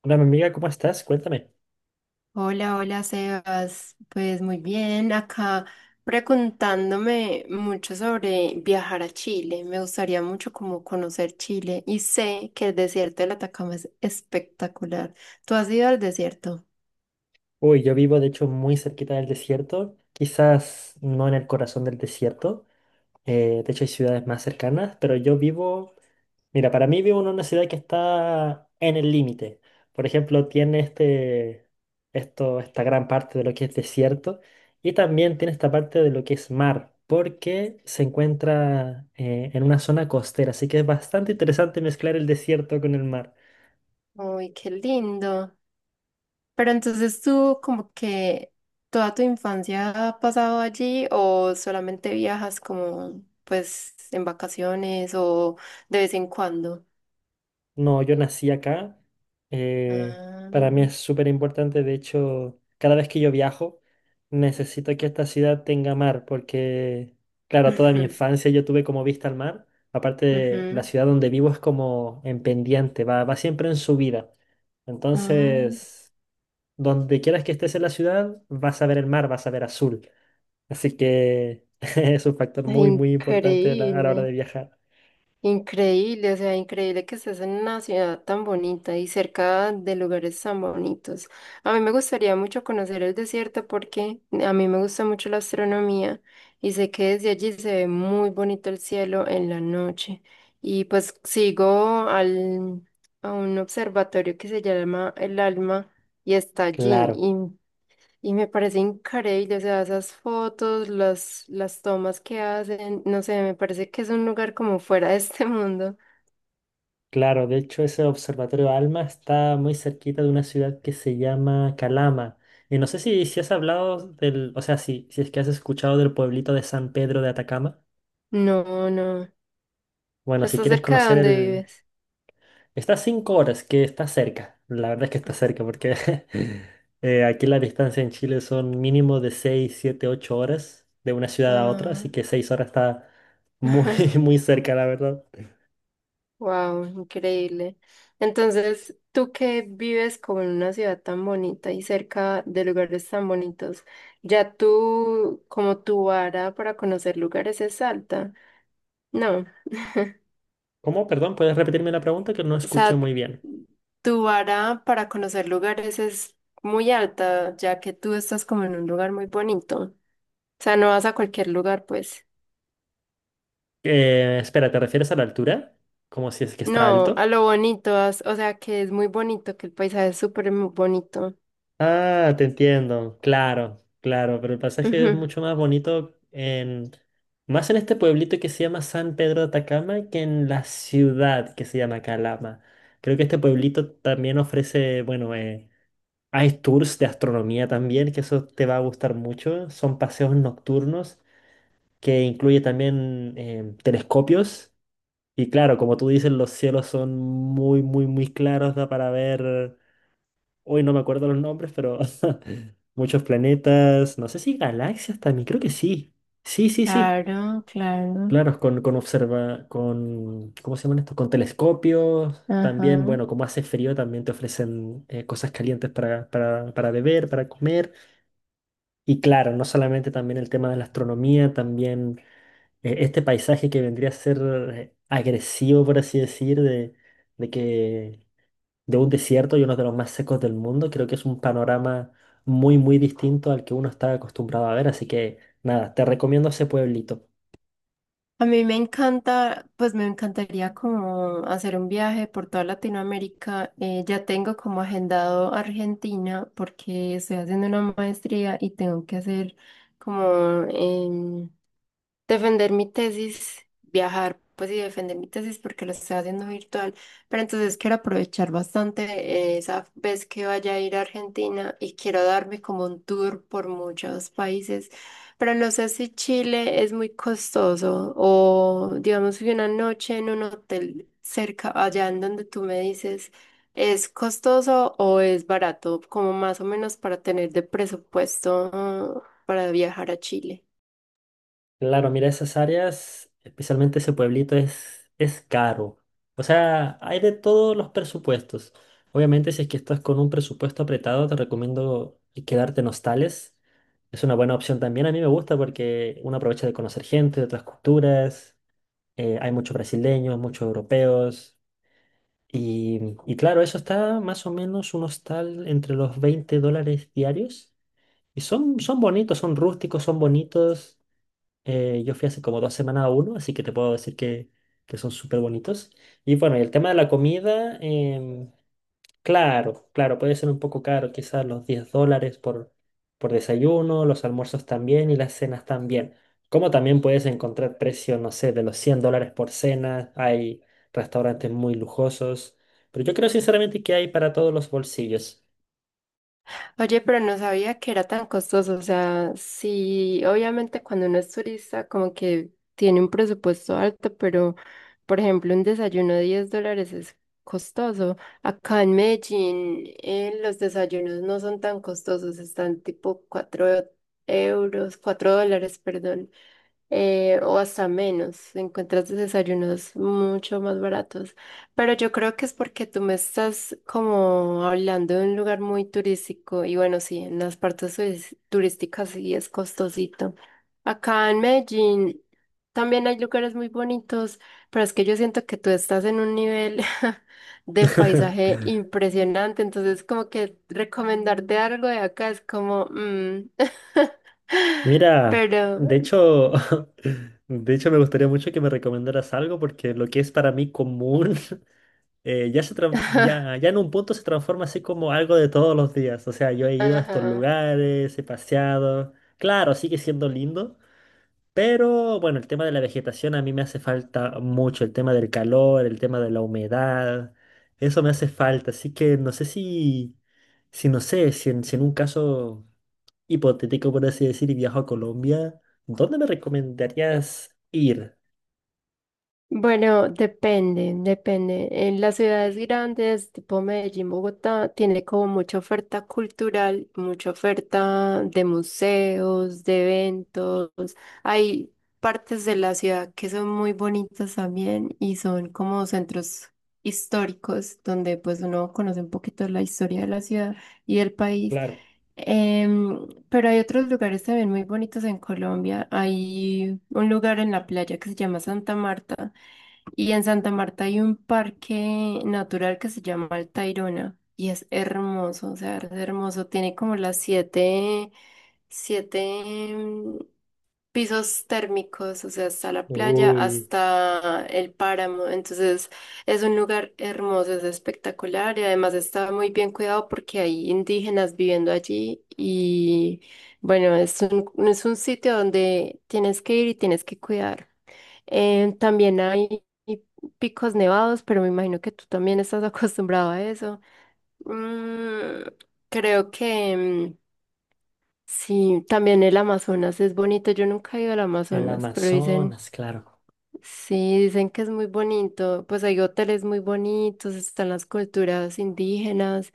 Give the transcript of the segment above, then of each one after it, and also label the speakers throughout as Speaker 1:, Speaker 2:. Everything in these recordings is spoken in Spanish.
Speaker 1: Hola, mi amiga, ¿cómo estás? Cuéntame.
Speaker 2: Hola, hola Sebas. Pues muy bien, acá preguntándome mucho sobre viajar a Chile. Me gustaría mucho como conocer Chile y sé que el desierto del Atacama es espectacular. ¿Tú has ido al desierto?
Speaker 1: Uy, yo vivo de hecho muy cerquita del desierto, quizás no en el corazón del desierto, de hecho hay ciudades más cercanas, pero yo vivo, mira, para mí vivo en una ciudad que está en el límite. Por ejemplo, tiene esta gran parte de lo que es desierto y también tiene esta parte de lo que es mar, porque se encuentra en una zona costera, así que es bastante interesante mezclar el desierto con el mar.
Speaker 2: Uy, qué lindo. Pero entonces tú como que toda tu infancia ha pasado allí ¿o solamente viajas como pues en vacaciones o de vez en cuando?
Speaker 1: No, yo nací acá. eh,
Speaker 2: Ah,
Speaker 1: para mí es súper importante. De hecho, cada vez que yo viajo, necesito que esta ciudad tenga mar, porque, claro, toda mi
Speaker 2: ujú,
Speaker 1: infancia yo tuve como vista al mar. Aparte, la
Speaker 2: ujú.
Speaker 1: ciudad donde vivo es como en pendiente, va siempre en subida.
Speaker 2: Ah,
Speaker 1: Entonces, donde quieras que estés en la ciudad, vas a ver el mar, vas a ver azul. Así que es un factor muy, muy importante a la hora
Speaker 2: increíble,
Speaker 1: de viajar.
Speaker 2: increíble, o sea, increíble que estés en una ciudad tan bonita y cerca de lugares tan bonitos. A mí me gustaría mucho conocer el desierto porque a mí me gusta mucho la astronomía y sé que desde allí se ve muy bonito el cielo en la noche. Y pues sigo a un observatorio que se llama El Alma y está allí.
Speaker 1: Claro.
Speaker 2: Y me parece increíble, o sea, esas fotos, las tomas que hacen, no sé, me parece que es un lugar como fuera de este mundo.
Speaker 1: Claro, de hecho ese observatorio ALMA está muy cerquita de una ciudad que se llama Calama. Y no sé si has hablado del, o sea, si es que has escuchado del pueblito de San Pedro de Atacama.
Speaker 2: No, no.
Speaker 1: Bueno, si
Speaker 2: Está
Speaker 1: quieres
Speaker 2: cerca de
Speaker 1: conocer
Speaker 2: donde
Speaker 1: el...
Speaker 2: vives?
Speaker 1: Está a 5 horas, que está cerca. La verdad es que está cerca porque aquí la distancia en Chile son mínimo de 6, 7, 8 horas de una ciudad a otra,
Speaker 2: Ah,
Speaker 1: así que 6 horas está muy, muy cerca, la verdad.
Speaker 2: wow, increíble. Entonces, tú que vives como en una ciudad tan bonita y cerca de lugares tan bonitos, ya tú, como tu vara para conocer lugares es alta. No.
Speaker 1: ¿Cómo? Perdón, ¿puedes repetirme la pregunta que no
Speaker 2: O
Speaker 1: escuché
Speaker 2: sea,
Speaker 1: muy bien?
Speaker 2: tu vara para conocer lugares es muy alta, ya que tú estás como en un lugar muy bonito. O sea, no vas a cualquier lugar, pues.
Speaker 1: Espera, ¿te refieres a la altura? Como si es que está
Speaker 2: No, a
Speaker 1: alto.
Speaker 2: lo bonito, o sea, que es muy bonito, que el paisaje es súper bonito.
Speaker 1: Ah, te entiendo, claro, claro, pero el pasaje es
Speaker 2: Ujú.
Speaker 1: mucho más bonito en, más en este pueblito que se llama San Pedro de Atacama que en la ciudad que se llama Calama. Creo que este pueblito también ofrece, bueno, hay tours de astronomía también, que eso te va a gustar mucho. Son paseos nocturnos que incluye también telescopios. Y claro, como tú dices, los cielos son muy, muy, muy claros, da para ver, hoy no me acuerdo los nombres, pero muchos planetas, no sé si galaxias también, creo que sí. Sí, sí, sí.
Speaker 2: Claro, claro.
Speaker 1: Claro, con ¿cómo se llaman estos? Con telescopios, también,
Speaker 2: Ajá.
Speaker 1: bueno, como hace frío, también te ofrecen cosas calientes para beber, para comer. Y claro, no solamente también el tema de la astronomía, también este paisaje que vendría a ser agresivo, por así decir, de que de un desierto y uno de los más secos del mundo, creo que es un panorama muy, muy distinto al que uno está acostumbrado a ver. Así que nada, te recomiendo ese pueblito.
Speaker 2: A mí me encanta, pues me encantaría como hacer un viaje por toda Latinoamérica. Ya tengo como agendado Argentina porque estoy haciendo una maestría y tengo que hacer como, em, defender mi tesis, viajar, pues y defender mi tesis porque lo estoy haciendo virtual, pero entonces quiero aprovechar bastante esa vez que vaya a ir a Argentina y quiero darme como un tour por muchos países, pero no sé si Chile es muy costoso o digamos que una noche en un hotel cerca, allá en donde tú me dices, ¿es costoso o es barato? Como más o menos para tener de presupuesto para viajar a Chile.
Speaker 1: Claro, mira, esas áreas, especialmente ese pueblito, es caro. O sea, hay de todos los presupuestos. Obviamente, si es que estás con un presupuesto apretado, te recomiendo quedarte en hostales. Es una buena opción también. A mí me gusta porque uno aprovecha de conocer gente de otras culturas. Hay muchos brasileños, muchos europeos. Y claro, eso está más o menos un hostal entre los $20 diarios. Y son bonitos, son rústicos, son bonitos. Yo fui hace como 2 semanas a uno, así que te puedo decir que son súper bonitos. Y bueno, y el tema de la comida, claro, claro, puede ser un poco caro, quizás los $10 por desayuno, los almuerzos también y las cenas también. Como también puedes encontrar precios, no sé, de los $100 por cena, hay restaurantes muy lujosos, pero yo creo sinceramente que hay para todos los bolsillos.
Speaker 2: Oye, pero no sabía que era tan costoso. O sea, sí, obviamente cuando uno es turista, como que tiene un presupuesto alto, pero por ejemplo, un desayuno de $10 es costoso. Acá en Medellín, los desayunos no son tan costosos, están tipo €4, $4, perdón o hasta menos. Encuentras desayunos mucho más baratos. Pero yo creo que es porque tú me estás como hablando de un lugar muy turístico y bueno, sí, en las partes turísticas sí es costosito. Acá en Medellín también hay lugares muy bonitos, pero es que yo siento que tú estás en un nivel de paisaje impresionante, entonces como que recomendarte algo de acá es como,
Speaker 1: Mira,
Speaker 2: pero...
Speaker 1: de hecho, de hecho me gustaría mucho que me recomendaras algo porque lo que es para mí común ya, ya en un punto se transforma así como algo de todos los días. O sea, yo he ido a estos
Speaker 2: Ajá.
Speaker 1: lugares, he paseado. Claro, sigue siendo lindo, pero bueno, el tema de la vegetación a mí me hace falta mucho. El tema del calor, el tema de la humedad, eso me hace falta. Así que no sé si, si no sé, si en si en un caso hipotético, por así decir, y viajo a Colombia, ¿dónde me recomendarías ir?
Speaker 2: Bueno, depende, depende. En las ciudades grandes, tipo Medellín, Bogotá, tiene como mucha oferta cultural, mucha oferta de museos, de eventos. Hay partes de la ciudad que son muy bonitas también y son como centros históricos donde pues uno conoce un poquito la historia de la ciudad y del país.
Speaker 1: Claro.
Speaker 2: Pero hay otros lugares también muy bonitos en Colombia. Hay un lugar en la playa que se llama Santa Marta y en Santa Marta hay un parque natural que se llama El Tayrona y es hermoso, o sea, es hermoso. Tiene como las siete pisos térmicos, o sea, hasta la playa,
Speaker 1: Uy,
Speaker 2: hasta el páramo. Entonces es un lugar hermoso, es espectacular y además está muy bien cuidado porque hay indígenas viviendo allí y bueno, es un sitio donde tienes que ir y tienes que cuidar. También hay picos nevados, pero me imagino que tú también estás acostumbrado a eso. Mm, creo que mm, sí, también el Amazonas es bonito. Yo nunca he ido al
Speaker 1: el
Speaker 2: Amazonas, pero dicen,
Speaker 1: Amazonas, claro,
Speaker 2: sí, dicen que es muy bonito. Pues hay hoteles muy bonitos, están las culturas indígenas,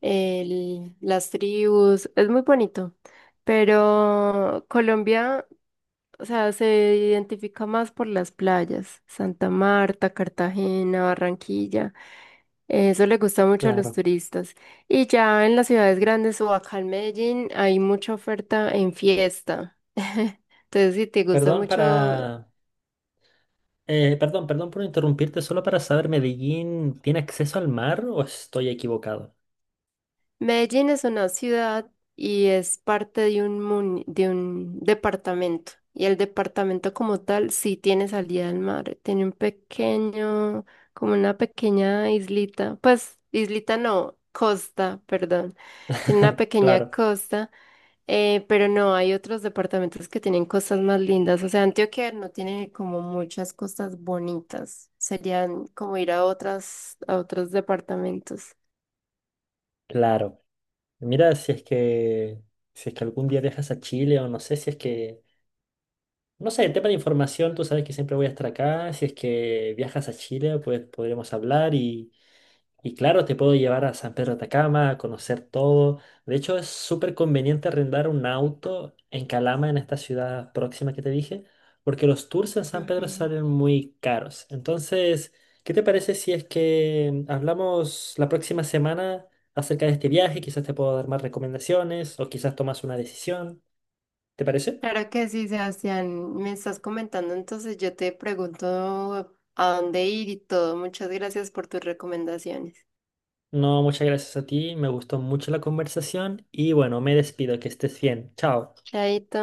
Speaker 2: las tribus, es muy bonito. Pero Colombia... O sea, se identifica más por las playas, Santa Marta, Cartagena, Barranquilla. Eso le gusta mucho a los
Speaker 1: claro.
Speaker 2: turistas. Y ya en las ciudades grandes o acá en Medellín hay mucha oferta en fiesta. Entonces, si te gusta
Speaker 1: Perdón para...
Speaker 2: mucho
Speaker 1: perdón, perdón por interrumpirte, solo para saber, ¿Medellín tiene acceso al mar o estoy equivocado?
Speaker 2: Medellín es una ciudad y es parte de un, muni- de un departamento. Y el departamento como tal sí tiene salida al mar. Tiene un pequeño, como una pequeña islita. Pues, islita no, costa, perdón. Tiene una pequeña
Speaker 1: Claro,
Speaker 2: costa, pero no, hay otros departamentos que tienen costas más lindas. O sea, Antioquia no tiene como muchas costas bonitas. Serían como ir a otros departamentos.
Speaker 1: claro. Mira, si es que... Si es que algún día viajas a Chile o no sé, si es que... No sé, tema de información, tú sabes que siempre voy a estar acá. Si es que viajas a Chile, pues podremos hablar y Y claro, te puedo llevar a San Pedro de Atacama, a conocer todo. De hecho, es súper conveniente arrendar un auto en Calama, en esta ciudad próxima que te dije, porque los tours en San Pedro
Speaker 2: Ujú.
Speaker 1: salen muy caros. Entonces, ¿qué te parece si es que hablamos la próxima semana acerca de este viaje? Quizás te puedo dar más recomendaciones o quizás tomas una decisión. ¿Te parece?
Speaker 2: Claro que sí, Sebastián. Me estás comentando, entonces yo te pregunto a dónde ir y todo. Muchas gracias por tus recomendaciones.
Speaker 1: No, muchas gracias a ti. Me gustó mucho la conversación y bueno, me despido. Que estés bien. Chao.
Speaker 2: Chaito.